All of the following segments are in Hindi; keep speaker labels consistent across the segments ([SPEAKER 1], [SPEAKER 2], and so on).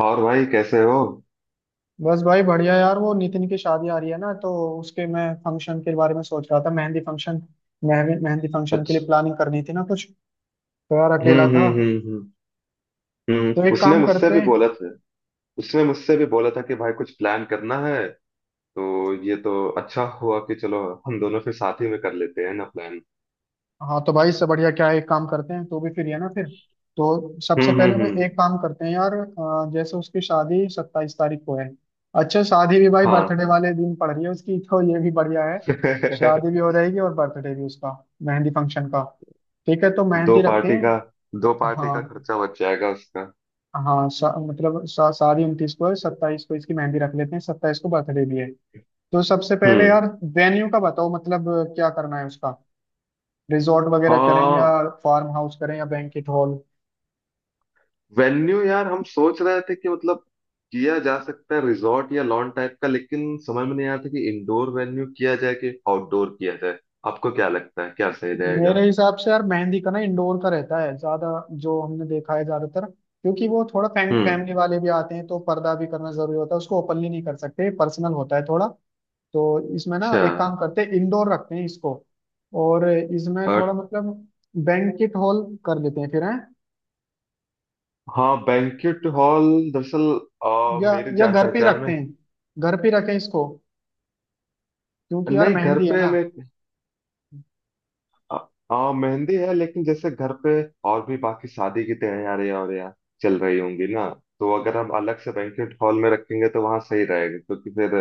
[SPEAKER 1] और भाई कैसे हो?
[SPEAKER 2] बस भाई बढ़िया यार, वो नितिन की शादी आ रही है ना, तो उसके मैं फंक्शन के बारे में सोच रहा था। मेहंदी फंक्शन, मेहंदी मेहंदी फंक्शन के लिए
[SPEAKER 1] अच्छा।
[SPEAKER 2] प्लानिंग करनी थी ना कुछ। तो यार अकेला था।
[SPEAKER 1] हम्म।
[SPEAKER 2] तो एक
[SPEAKER 1] उसने
[SPEAKER 2] काम
[SPEAKER 1] मुझसे
[SPEAKER 2] करते
[SPEAKER 1] भी
[SPEAKER 2] हैं।
[SPEAKER 1] बोला था। उसने मुझसे भी बोला था कि भाई कुछ प्लान करना है। तो ये तो अच्छा हुआ कि चलो हम दोनों फिर साथ ही में कर लेते हैं ना प्लान।
[SPEAKER 2] हाँ, तो भाई इससे बढ़िया क्या है, एक काम करते हैं, तो भी फ्री है ना फिर। तो सबसे पहले मैं,
[SPEAKER 1] हम्म।
[SPEAKER 2] एक काम करते हैं यार, जैसे उसकी शादी 27 तारीख को है। अच्छा, शादी भी भाई
[SPEAKER 1] हाँ।
[SPEAKER 2] बर्थडे वाले दिन पड़ रही है उसकी तो ये भी बढ़िया है। शादी भी हो रहेगी और बर्थडे भी उसका। मेहंदी फंक्शन का ठीक है, तो
[SPEAKER 1] दो
[SPEAKER 2] मेहंदी रखते
[SPEAKER 1] पार्टी
[SPEAKER 2] हैं।
[SPEAKER 1] का दो पार्टी का
[SPEAKER 2] हाँ।
[SPEAKER 1] खर्चा बच जाएगा उसका।
[SPEAKER 2] हाँ, सारी 29 को है, 27 को इसकी मेहंदी रख लेते हैं, 27 को बर्थडे भी है। तो सबसे पहले
[SPEAKER 1] हम्म।
[SPEAKER 2] यार वेन्यू का बताओ, मतलब क्या करना है उसका। रिजॉर्ट वगैरह करें या
[SPEAKER 1] आ,
[SPEAKER 2] फार्म हाउस करें या बैंकेट हॉल।
[SPEAKER 1] वेन्यू यार हम सोच रहे थे कि मतलब किया जा सकता है रिजॉर्ट या लॉन टाइप का, लेकिन समझ में नहीं आ रहा था कि इंडोर वेन्यू किया जाए कि आउटडोर किया जाए। आपको क्या लगता है क्या सही
[SPEAKER 2] मेरे
[SPEAKER 1] रहेगा?
[SPEAKER 2] हिसाब से यार मेहंदी का ना इंडोर का रहता है ज्यादा, जो हमने देखा है ज्यादातर, क्योंकि वो थोड़ा
[SPEAKER 1] हम्म।
[SPEAKER 2] फैमिली वाले भी आते हैं, तो पर्दा भी करना जरूरी होता है, उसको ओपनली नहीं कर सकते, पर्सनल होता है थोड़ा। तो इसमें ना
[SPEAKER 1] अच्छा।
[SPEAKER 2] एक काम करते हैं, इंडोर रखते हैं इसको। और इसमें थोड़ा
[SPEAKER 1] और।
[SPEAKER 2] मतलब बैंकेट हॉल कर लेते हैं फिर। हैं
[SPEAKER 1] हाँ, बैंक्वेट हॉल। दरअसल,
[SPEAKER 2] या
[SPEAKER 1] मेरे
[SPEAKER 2] या
[SPEAKER 1] जान
[SPEAKER 2] घर पे ही
[SPEAKER 1] पहचान
[SPEAKER 2] रखते
[SPEAKER 1] में।
[SPEAKER 2] हैं, घर पे ही रखें इसको, क्योंकि यार
[SPEAKER 1] नहीं, घर
[SPEAKER 2] मेहंदी है
[SPEAKER 1] पे
[SPEAKER 2] ना।
[SPEAKER 1] मैं आ, आ, मेहंदी है लेकिन जैसे घर पे और भी बाकी शादी की तैयारी और यहाँ चल रही होंगी ना, तो अगर हम अलग से बैंक्वेट हॉल में रखेंगे तो वहाँ सही रहेगा क्योंकि फिर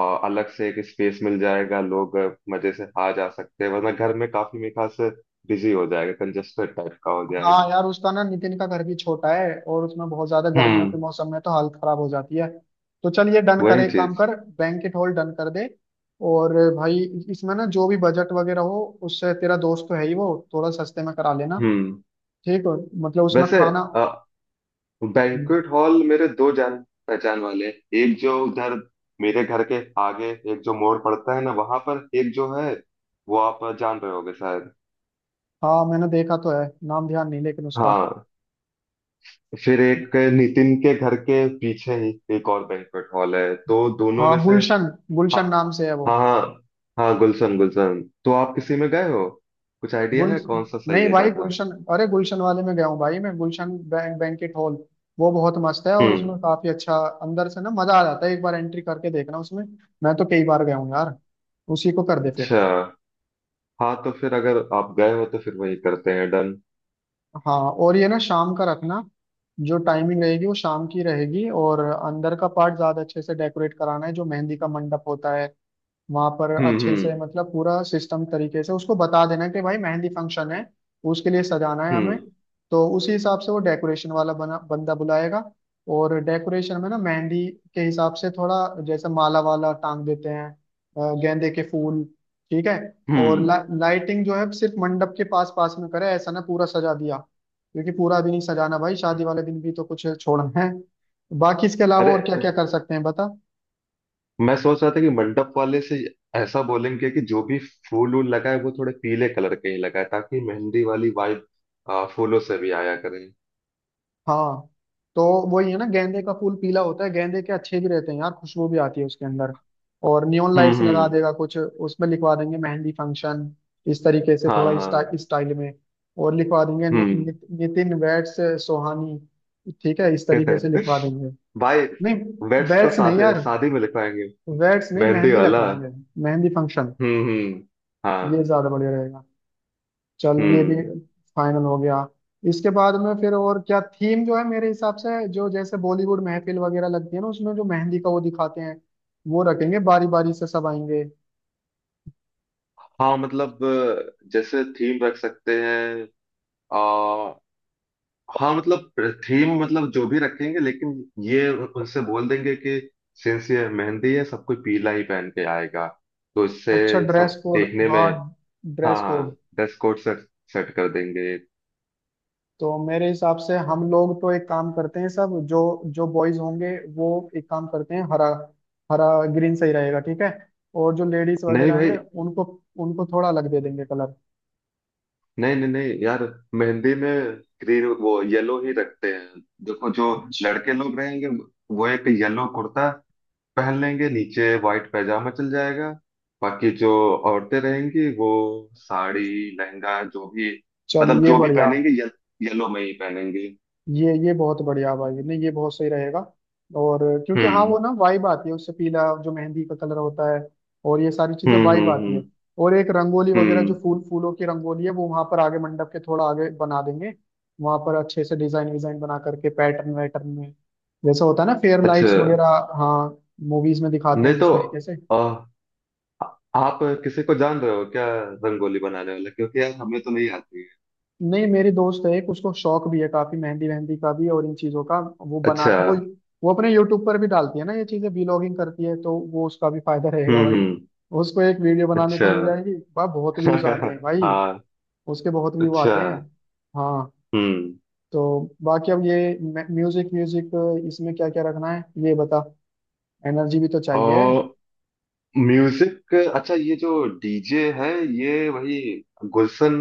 [SPEAKER 1] और अलग से एक स्पेस मिल जाएगा। लोग मजे से आ जा सकते हैं, वरना घर में काफी मेरे ख्याल से बिजी हो जाएगा, कंजेस्टेड टाइप का हो
[SPEAKER 2] हाँ
[SPEAKER 1] जाएगा।
[SPEAKER 2] यार, उसका ना नितिन का घर भी छोटा है, और उसमें बहुत ज्यादा गर्मियों
[SPEAKER 1] हम्म।
[SPEAKER 2] के मौसम में तो हालत खराब हो जाती है। तो चल ये डन
[SPEAKER 1] वही
[SPEAKER 2] करे, एक काम
[SPEAKER 1] चीज।
[SPEAKER 2] कर, बैंकेट हॉल डन कर दे। और भाई इसमें ना जो भी बजट वगैरह हो, उससे तेरा दोस्त तो है ही वो, थोड़ा सस्ते में करा लेना,
[SPEAKER 1] हम्म।
[SPEAKER 2] ठीक हो। मतलब उसमें
[SPEAKER 1] वैसे,
[SPEAKER 2] खाना।
[SPEAKER 1] बैंक्वेट हॉल मेरे दो जान पहचान वाले हैं। एक जो उधर मेरे घर के आगे एक जो मोड़ पड़ता है ना, वहां पर एक जो है वो आप जान रहे होगे शायद।
[SPEAKER 2] हाँ मैंने देखा तो है, नाम ध्यान नहीं लेकिन उसका।
[SPEAKER 1] हाँ, फिर एक नितिन के घर के पीछे ही एक और बैंक्वेट हॉल है, तो दोनों
[SPEAKER 2] हाँ,
[SPEAKER 1] में से।
[SPEAKER 2] गुलशन,
[SPEAKER 1] हाँ।
[SPEAKER 2] गुलशन नाम से है वो।
[SPEAKER 1] हाँ हाँ। हाँ, गुलशन गुलशन, तो आप किसी में गए हो? कुछ आइडिया
[SPEAKER 2] गुल,
[SPEAKER 1] है कौन सा सही
[SPEAKER 2] नहीं
[SPEAKER 1] है
[SPEAKER 2] भाई
[SPEAKER 1] ज्यादा?
[SPEAKER 2] गुलशन, अरे गुलशन वाले में गया हूँ भाई मैं। गुलशन बैंकेट हॉल, वो बहुत मस्त है और
[SPEAKER 1] हम्म।
[SPEAKER 2] उसमें काफी अच्छा अंदर से ना मजा आ जाता है, एक बार एंट्री करके देखना उसमें। मैं तो कई बार गया हूँ यार। उसी को कर दे फिर।
[SPEAKER 1] अच्छा। हाँ, तो फिर अगर आप गए हो तो फिर वही करते हैं। डन।
[SPEAKER 2] हाँ। और ये ना शाम का रखना, जो टाइमिंग रहेगी वो शाम की रहेगी, और अंदर का पार्ट ज्यादा अच्छे से डेकोरेट कराना है, जो मेहंदी का मंडप होता है वहां पर
[SPEAKER 1] हम्म
[SPEAKER 2] अच्छे से,
[SPEAKER 1] हम्म
[SPEAKER 2] मतलब पूरा सिस्टम तरीके से उसको बता देना कि भाई मेहंदी फंक्शन है, उसके लिए सजाना है हमें।
[SPEAKER 1] हम्म।
[SPEAKER 2] तो उसी हिसाब से वो डेकोरेशन वाला बना बंदा बुलाएगा। और डेकोरेशन में ना मेहंदी के हिसाब से थोड़ा, जैसे माला वाला टांग देते हैं, गेंदे के फूल, ठीक है। और
[SPEAKER 1] हम्म।
[SPEAKER 2] लाइटिंग जो है सिर्फ मंडप के पास पास में करे, ऐसा ना पूरा सजा दिया, क्योंकि पूरा भी नहीं सजाना भाई, शादी वाले दिन भी तो कुछ छोड़ना है। बाकी इसके अलावा
[SPEAKER 1] अरे,
[SPEAKER 2] और क्या क्या कर सकते हैं बता।
[SPEAKER 1] मैं सोच रहा था कि मंडप वाले से ऐसा बोलेंगे कि जो भी फूल वूल लगाए वो थोड़े पीले कलर के ही लगाए ताकि मेहंदी वाली वाइब फूलों से भी आया करे।
[SPEAKER 2] हाँ, तो वही है ना, गेंदे का फूल पीला होता है, गेंदे के अच्छे भी रहते हैं यार, खुशबू भी आती है उसके अंदर। और नियॉन लाइट्स लगा
[SPEAKER 1] हम्म।
[SPEAKER 2] देगा, कुछ उसमें लिखवा देंगे मेहंदी फंक्शन, इस तरीके से
[SPEAKER 1] हाँ
[SPEAKER 2] थोड़ा इस
[SPEAKER 1] हाँ।
[SPEAKER 2] स्टाइल में। और लिखवा देंगे नि,
[SPEAKER 1] हम्म।
[SPEAKER 2] नि, नितिन वैट्स सोहानी, ठीक है, इस तरीके से लिखवा देंगे।
[SPEAKER 1] भाई,
[SPEAKER 2] नहीं
[SPEAKER 1] वेट्स तो
[SPEAKER 2] वैट्स नहीं
[SPEAKER 1] शादी
[SPEAKER 2] यार,
[SPEAKER 1] शादी में लिखवाएंगे।
[SPEAKER 2] वैट्स नहीं,
[SPEAKER 1] मेहंदी
[SPEAKER 2] मेहंदी
[SPEAKER 1] वाला।
[SPEAKER 2] लगवाएंगे, मेहंदी फंक्शन।
[SPEAKER 1] हम्म।
[SPEAKER 2] ये
[SPEAKER 1] हाँ।
[SPEAKER 2] ज्यादा बढ़िया रहेगा। चल ये भी
[SPEAKER 1] हम्म।
[SPEAKER 2] फाइनल हो गया। इसके बाद में फिर और क्या, थीम जो है मेरे हिसाब से, जो जैसे बॉलीवुड महफिल वगैरह लगती है ना, उसमें जो मेहंदी का वो दिखाते हैं, वो रखेंगे, बारी बारी से सब आएंगे।
[SPEAKER 1] हाँ, मतलब जैसे थीम रख सकते हैं। आ, हाँ, मतलब थीम मतलब जो भी रखेंगे, लेकिन ये उनसे बोल देंगे कि सिंस ये मेहंदी है सब कोई पीला ही पहन के आएगा। तो इससे
[SPEAKER 2] अच्छा ड्रेस
[SPEAKER 1] सब
[SPEAKER 2] कोड,
[SPEAKER 1] देखने में।
[SPEAKER 2] हाँ
[SPEAKER 1] हाँ
[SPEAKER 2] ड्रेस
[SPEAKER 1] हाँ,
[SPEAKER 2] code.
[SPEAKER 1] Dress code. Set set कर देंगे।
[SPEAKER 2] तो मेरे हिसाब से हम लोग तो, एक काम करते हैं सब जो, जो बॉयज होंगे वो, एक काम करते हैं हरा, हरा ग्रीन सही रहेगा, ठीक है। और जो लेडीज
[SPEAKER 1] नहीं
[SPEAKER 2] वगैरह
[SPEAKER 1] भाई।
[SPEAKER 2] हैं, उनको, उनको थोड़ा अलग दे देंगे कलर।
[SPEAKER 1] नहीं नहीं नहीं यार, मेहंदी में ग्रीन, वो येलो ही रखते हैं। देखो जो
[SPEAKER 2] अच्छा
[SPEAKER 1] लड़के लोग रहेंगे वो एक येलो कुर्ता पहन लेंगे, नीचे व्हाइट पैजामा चल जाएगा। बाकी जो औरतें रहेंगी वो साड़ी, लहंगा, जो भी,
[SPEAKER 2] चल
[SPEAKER 1] मतलब
[SPEAKER 2] ये
[SPEAKER 1] जो भी
[SPEAKER 2] बढ़िया,
[SPEAKER 1] पहनेंगे, येलो में ही पहनेंगे।
[SPEAKER 2] ये बहुत बढ़िया भाई, नहीं ये बहुत सही रहेगा। और क्योंकि हाँ वो
[SPEAKER 1] हम्म
[SPEAKER 2] ना वाइब आती है उससे, पीला जो मेहंदी का कलर होता है, और ये सारी चीजें, वाइब
[SPEAKER 1] हम्म।
[SPEAKER 2] आती है। और एक रंगोली वगैरह, जो
[SPEAKER 1] हम्म।
[SPEAKER 2] फूल फूलों की रंगोली है, वो वहां पर आगे, मंडप के थोड़ा आगे बना देंगे। वहां पर अच्छे से डिजाइन विजाइन बना करके, पैटर्न वैटर्न में, जैसा होता है ना, फेयर
[SPEAKER 1] अच्छा।
[SPEAKER 2] लाइट्स वगैरह। हाँ, मूवीज में दिखाते
[SPEAKER 1] नहीं,
[SPEAKER 2] हैं
[SPEAKER 1] तो
[SPEAKER 2] जिस तरीके से।
[SPEAKER 1] अ, आ, आप किसी को जान रहे हो क्या, रंगोली बनाने वाला? क्योंकि यार हमें तो नहीं आती है।
[SPEAKER 2] नहीं, मेरी दोस्त है एक, उसको शौक भी है काफी मेहंदी मेहंदी का भी और इन चीजों का, वो
[SPEAKER 1] अच्छा।
[SPEAKER 2] बनाती है वो। वो अपने यूट्यूब पर भी डालती है ना ये चीजें, व्लॉगिंग करती है, तो वो उसका भी फायदा रहेगा भाई,
[SPEAKER 1] हम्म।
[SPEAKER 2] उसको एक वीडियो बनाने
[SPEAKER 1] अच्छा।
[SPEAKER 2] को मिल जाएगी भाई, बहुत व्यूज आते हैं भाई,
[SPEAKER 1] हाँ।
[SPEAKER 2] उसके बहुत व्यू आते हैं।
[SPEAKER 1] अच्छा।
[SPEAKER 2] हाँ।
[SPEAKER 1] हम्म।
[SPEAKER 2] तो बाकी अब ये म्यूजिक, म्यूजिक इसमें क्या क्या रखना है ये बता, एनर्जी भी तो चाहिए।
[SPEAKER 1] और म्यूजिक, अच्छा ये जो डीजे है ये वही गुलशन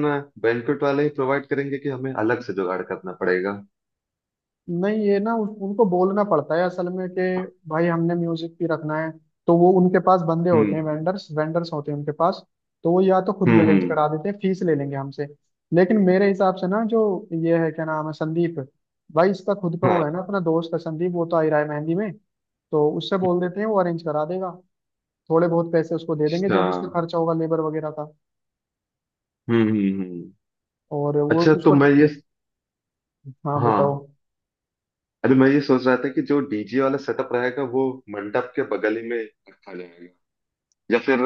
[SPEAKER 1] बैंक्वेट वाले ही प्रोवाइड करेंगे कि हमें अलग से जुगाड़ करना पड़ेगा?
[SPEAKER 2] नहीं ये ना उनको बोलना पड़ता है असल में कि भाई हमने म्यूजिक भी रखना है, तो वो उनके पास बंदे होते
[SPEAKER 1] हम्म
[SPEAKER 2] हैं, वेंडर्स वेंडर्स होते हैं उनके पास। तो वो या तो खुद भी अरेंज
[SPEAKER 1] हम्म।
[SPEAKER 2] करा देते हैं, फीस ले लेंगे हमसे। लेकिन मेरे हिसाब से ना जो ये है, क्या नाम है, संदीप, भाई इसका खुद का वो
[SPEAKER 1] हाँ।
[SPEAKER 2] है ना, अपना दोस्त है संदीप, वो तो आ ही रहा है मेहंदी में, तो उससे बोल देते हैं, वो अरेंज करा देगा, थोड़े बहुत पैसे उसको दे देंगे,
[SPEAKER 1] अच्छा।
[SPEAKER 2] जो भी उसका खर्चा होगा लेबर वगैरह का।
[SPEAKER 1] हम्म हम्म।
[SPEAKER 2] और वो
[SPEAKER 1] अच्छा, तो
[SPEAKER 2] उसको,
[SPEAKER 1] मैं ये
[SPEAKER 2] हाँ बताओ।
[SPEAKER 1] हाँ। अरे, मैं ये सोच रहा था कि जो डीजे वाला सेटअप रहेगा वो मंडप के बगल ही में रखा जाएगा, या फिर?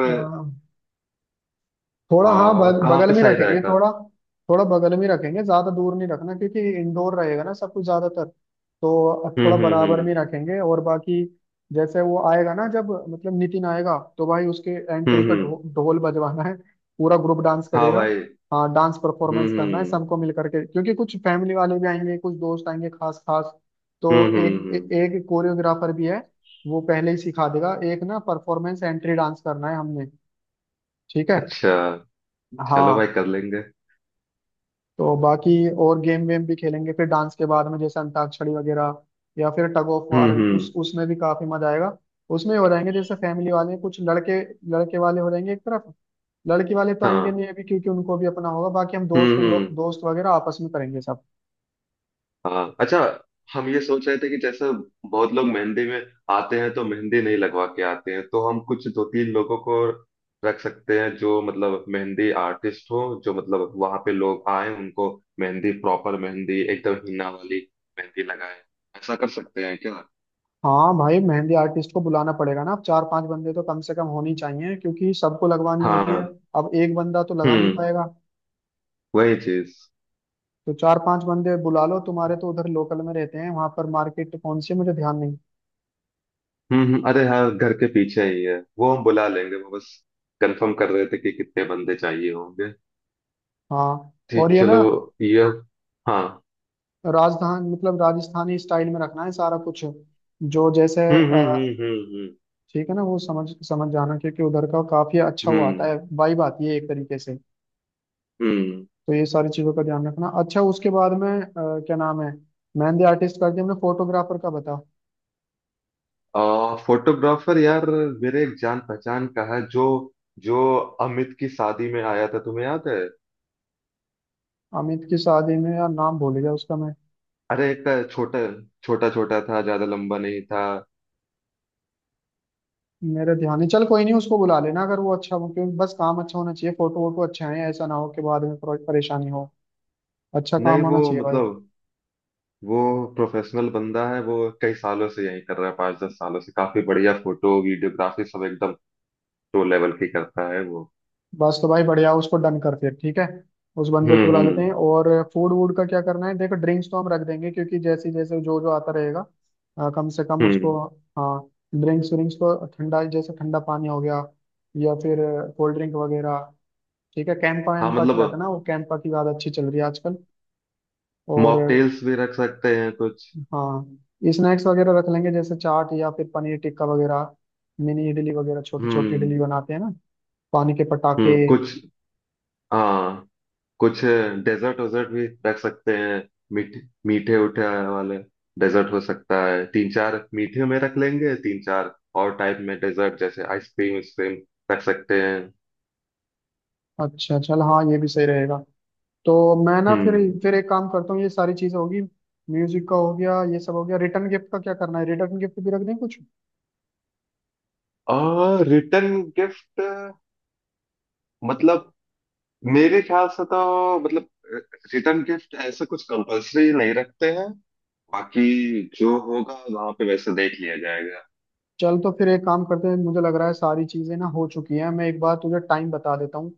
[SPEAKER 2] थोड़ा हाँ
[SPEAKER 1] हाँ, कहाँ
[SPEAKER 2] बगल
[SPEAKER 1] पे
[SPEAKER 2] में
[SPEAKER 1] सही
[SPEAKER 2] रखेंगे
[SPEAKER 1] रहेगा?
[SPEAKER 2] थोड़ा, थोड़ा बगल में रखेंगे, ज्यादा दूर नहीं रखना क्योंकि इंडोर रहेगा ना सब कुछ ज्यादातर, तो थोड़ा बराबर
[SPEAKER 1] हम्म।
[SPEAKER 2] में रखेंगे। और बाकी जैसे वो आएगा ना जब, मतलब नितिन आएगा, तो भाई उसके
[SPEAKER 1] हम्म
[SPEAKER 2] एंट्री पर
[SPEAKER 1] हम्म।
[SPEAKER 2] ढोल बजवाना है, पूरा ग्रुप डांस
[SPEAKER 1] हाँ
[SPEAKER 2] करेगा।
[SPEAKER 1] भाई।
[SPEAKER 2] हाँ डांस
[SPEAKER 1] हम्म
[SPEAKER 2] परफॉर्मेंस करना है
[SPEAKER 1] हम्म
[SPEAKER 2] सबको मिल करके, क्योंकि कुछ फैमिली वाले भी आएंगे, कुछ दोस्त आएंगे खास खास।
[SPEAKER 1] हम्म।
[SPEAKER 2] तो एक कोरियोग्राफर भी है, वो पहले ही सिखा देगा, एक ना परफॉर्मेंस एंट्री डांस करना है हमने, ठीक है।
[SPEAKER 1] अच्छा, चलो भाई
[SPEAKER 2] हाँ।
[SPEAKER 1] कर लेंगे।
[SPEAKER 2] तो बाकी और गेम वेम भी खेलेंगे फिर डांस के बाद में, जैसे अंताक्षरी वगैरह, या फिर टग ऑफ वार, उस
[SPEAKER 1] हम्म।
[SPEAKER 2] उसमें भी काफी मजा आएगा। उसमें हो जाएंगे जैसे फैमिली वाले, कुछ लड़के, लड़के वाले हो जाएंगे एक तरफ, लड़की वाले तो आएंगे
[SPEAKER 1] हाँ।
[SPEAKER 2] नहीं अभी, क्योंकि उनको भी अपना होगा, बाकी हम दोस्त
[SPEAKER 1] हम्म।
[SPEAKER 2] दोस्त वगैरह आपस में करेंगे सब।
[SPEAKER 1] हाँ। अच्छा। हम ये सोच रहे थे कि जैसे बहुत लोग मेहंदी में आते हैं तो मेहंदी नहीं लगवा के आते हैं, तो हम कुछ दो तीन लोगों को रख सकते हैं जो मतलब मेहंदी आर्टिस्ट हो, जो मतलब वहां पे लोग आए उनको मेहंदी, प्रॉपर मेहंदी, एकदम हिना वाली मेहंदी लगाए। ऐसा कर सकते हैं क्या?
[SPEAKER 2] हाँ भाई मेहंदी आर्टिस्ट को बुलाना पड़ेगा ना, अब चार पांच बंदे तो कम से कम होने ही चाहिए, क्योंकि सबको लगवानी होती
[SPEAKER 1] हाँ।
[SPEAKER 2] है, अब एक बंदा तो लगा नहीं
[SPEAKER 1] हम्म।
[SPEAKER 2] पाएगा।
[SPEAKER 1] वही चीज।
[SPEAKER 2] तो चार पांच बंदे बुला लो, तुम्हारे तो उधर लोकल में रहते हैं, वहां पर मार्केट कौन सी है, मुझे ध्यान नहीं।
[SPEAKER 1] अरे हाँ, घर के पीछे ही है वो। हम बुला लेंगे, वो बस कंफर्म कर रहे थे कि कितने बंदे चाहिए होंगे।
[SPEAKER 2] हाँ। और
[SPEAKER 1] ठीक,
[SPEAKER 2] ये ना
[SPEAKER 1] चलो। ये। हाँ।
[SPEAKER 2] राजधान मतलब राजस्थानी स्टाइल में रखना है सारा कुछ, जो जैसे
[SPEAKER 1] हम्म।
[SPEAKER 2] ठीक है ना, वो समझ समझ जाना, क्योंकि उधर का काफी अच्छा
[SPEAKER 1] हम्म
[SPEAKER 2] वो आता
[SPEAKER 1] हम्म
[SPEAKER 2] है, वाइब आती है एक तरीके से।
[SPEAKER 1] हम्म।
[SPEAKER 2] तो ये सारी चीजों का ध्यान रखना। अच्छा, उसके बाद में क्या नाम है, मेहंदी आर्टिस्ट कर दिया हमने, फोटोग्राफर का बता।
[SPEAKER 1] फोटोग्राफर यार, मेरे एक जान पहचान का है जो जो अमित की शादी में आया था, तुम्हें याद है?
[SPEAKER 2] अमित की शादी में, यार नाम भूल गया उसका मैं,
[SPEAKER 1] अरे, एक छोटा, छोटा छोटा था, ज्यादा लंबा नहीं था।
[SPEAKER 2] मेरे ध्यान नहीं, चल कोई नहीं, उसको बुला लेना अगर वो अच्छा हो, क्योंकि बस काम अच्छा होना चाहिए, फोटो वोटो अच्छा है, ऐसा ना हो कि बाद में परेशानी हो, अच्छा काम
[SPEAKER 1] नहीं, वो
[SPEAKER 2] होना चाहिए भाई।
[SPEAKER 1] मतलब वो प्रोफेशनल बंदा है वो। कई सालों से यही कर रहा है, पाँच दस सालों से। काफी बढ़िया फोटो वीडियोग्राफी सब एकदम टो लेवल की करता है वो।
[SPEAKER 2] बस तो भाई बढ़िया, उसको डन कर फिर ठीक है, उस बंदे
[SPEAKER 1] हम्म
[SPEAKER 2] को बुला लेते हैं।
[SPEAKER 1] हम्म
[SPEAKER 2] और फूड वूड का क्या करना है, देखो ड्रिंक्स तो हम रख देंगे, क्योंकि जैसे जैसे जो जो आता रहेगा, कम से कम
[SPEAKER 1] हम्म,
[SPEAKER 2] उसको,
[SPEAKER 1] हम्म।
[SPEAKER 2] हाँ ड्रिंक्स व्रिंक्स तो, ठंडा जैसे ठंडा पानी हो गया, या फिर कोल्ड ड्रिंक वगैरह, ठीक है कैंपा
[SPEAKER 1] हाँ,
[SPEAKER 2] वैम्पा की
[SPEAKER 1] मतलब
[SPEAKER 2] रखना, वो कैंपा की ज़्यादा अच्छी चल रही है आजकल। और
[SPEAKER 1] मॉकटेल्स भी रख सकते हैं कुछ।
[SPEAKER 2] हाँ स्नैक्स वगैरह रख लेंगे, जैसे चाट या फिर पनीर टिक्का वगैरह, मिनी इडली वगैरह, छोटी छोटी
[SPEAKER 1] हम्म
[SPEAKER 2] इडली बनाते हैं ना, पानी के पटाखे।
[SPEAKER 1] हम्म। कुछ। हाँ। कुछ डेजर्ट वेजर्ट भी रख सकते हैं। मीठे, मीठे उठे वाले डेजर्ट हो सकता है। तीन चार मीठे में रख लेंगे, तीन चार और टाइप में डेजर्ट जैसे आइसक्रीम, आइसक्रीम रख सकते हैं।
[SPEAKER 2] अच्छा चल हाँ, ये भी सही रहेगा। तो मैं ना फिर
[SPEAKER 1] हम्म।
[SPEAKER 2] फिर एक काम करता हूँ, ये सारी चीजें होगी, म्यूजिक का हो गया, ये सब हो गया, रिटर्न गिफ्ट का क्या करना है, रिटर्न गिफ्ट भी रख दें कुछ।
[SPEAKER 1] और रिटर्न गिफ्ट मतलब, मेरे ख्याल से तो मतलब रिटर्न गिफ्ट ऐसा कुछ कंपलसरी नहीं रखते हैं। बाकी जो होगा वहां पे वैसे देख लिया जाएगा।
[SPEAKER 2] चल तो फिर एक काम करते हैं, मुझे लग रहा है सारी चीजें ना हो चुकी हैं, मैं एक बार तुझे टाइम बता देता हूँ।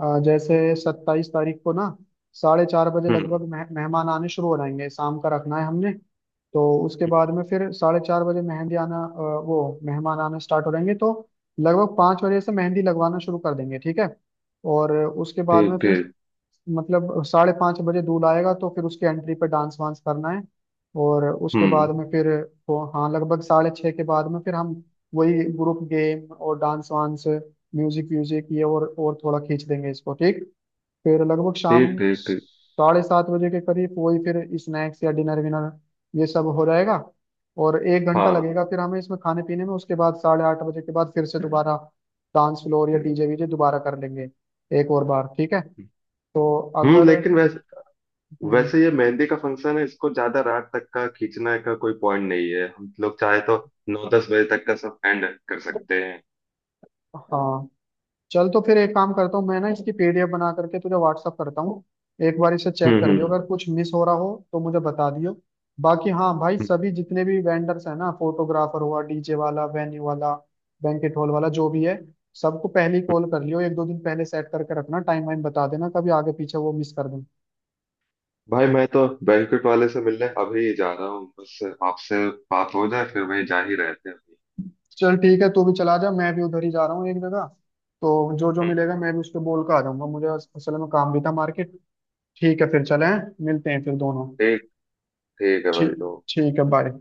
[SPEAKER 2] जैसे सत्ताईस तारीख को ना 4:30 बजे
[SPEAKER 1] हम्म।
[SPEAKER 2] लगभग मेहमान आने शुरू हो जाएंगे, शाम का रखना है हमने। तो उसके बाद में फिर 4:30 बजे मेहंदी आना, वो मेहमान आना स्टार्ट हो जाएंगे, तो लगभग 5 बजे से मेहंदी लगवाना शुरू कर देंगे, ठीक है। और उसके बाद में
[SPEAKER 1] ठीक,
[SPEAKER 2] फिर,
[SPEAKER 1] ठीक।
[SPEAKER 2] मतलब 5:30 बजे दूल्हा आएगा, तो फिर उसके एंट्री पे डांस वांस करना है। और उसके बाद
[SPEAKER 1] हम्म।
[SPEAKER 2] में फिर, वो हाँ लगभग 6:30 के बाद में फिर हम वही ग्रुप गेम और डांस वांस म्यूजिक व्यूजिक ये, और थोड़ा खींच देंगे इसको ठीक। फिर लगभग
[SPEAKER 1] ठीक
[SPEAKER 2] शाम
[SPEAKER 1] ठीक ठीक।
[SPEAKER 2] 7:30 बजे के करीब वही फिर स्नैक्स या डिनर विनर, ये सब हो जाएगा। और एक घंटा
[SPEAKER 1] हाँ।
[SPEAKER 2] लगेगा फिर हमें इसमें खाने पीने में, उसके बाद 8:30 बजे के बाद फिर से दोबारा डांस फ्लोर या डीजे वीजे दोबारा कर लेंगे, एक और बार, ठीक है। तो
[SPEAKER 1] हम्म।
[SPEAKER 2] अगर
[SPEAKER 1] लेकिन वैसे
[SPEAKER 2] हम्म,
[SPEAKER 1] वैसे ये मेहंदी का फंक्शन है, इसको ज्यादा रात तक का खींचने का कोई पॉइंट नहीं है। हम लोग चाहे तो नौ दस बजे तक का सब एंड कर सकते हैं।
[SPEAKER 2] हाँ चल, तो फिर एक काम करता हूँ मैं ना, इसकी पीडीएफ बना करके तुझे व्हाट्सअप करता हूँ, एक बार इसे चेक
[SPEAKER 1] हम्म
[SPEAKER 2] कर
[SPEAKER 1] हम्म
[SPEAKER 2] लियो,
[SPEAKER 1] हम्म,
[SPEAKER 2] अगर कुछ मिस हो रहा हो तो मुझे बता दियो। बाकी हाँ भाई सभी जितने भी वेंडर्स हैं ना, फोटोग्राफर हुआ, डीजे वाला, वेन्यू वाला, बैंकेट हॉल वाला, जो भी है, सबको पहले ही
[SPEAKER 1] हम्म।
[SPEAKER 2] कॉल कर लियो, एक दो दिन पहले सेट करके रखना, टाइम वाइम बता देना, कभी आगे पीछे वो मिस कर दूँ।
[SPEAKER 1] भाई, मैं तो बैंक्वेट वाले से मिलने अभी जा रहा हूँ, बस आपसे बात हो जाए फिर वहीं जा ही रहते हैं अभी।
[SPEAKER 2] चल ठीक है, तू भी चला जा, मैं भी उधर ही जा रहा हूँ एक जगह। तो जो जो
[SPEAKER 1] हम्म।
[SPEAKER 2] मिलेगा मैं भी उस पर बोल कर आ जाऊंगा, मुझे असल में काम भी था मार्केट। ठीक है फिर, चले, मिलते हैं फिर दोनों।
[SPEAKER 1] ठीक। ठीक है भाई,
[SPEAKER 2] ठीक,
[SPEAKER 1] तो
[SPEAKER 2] ठीक है बाय।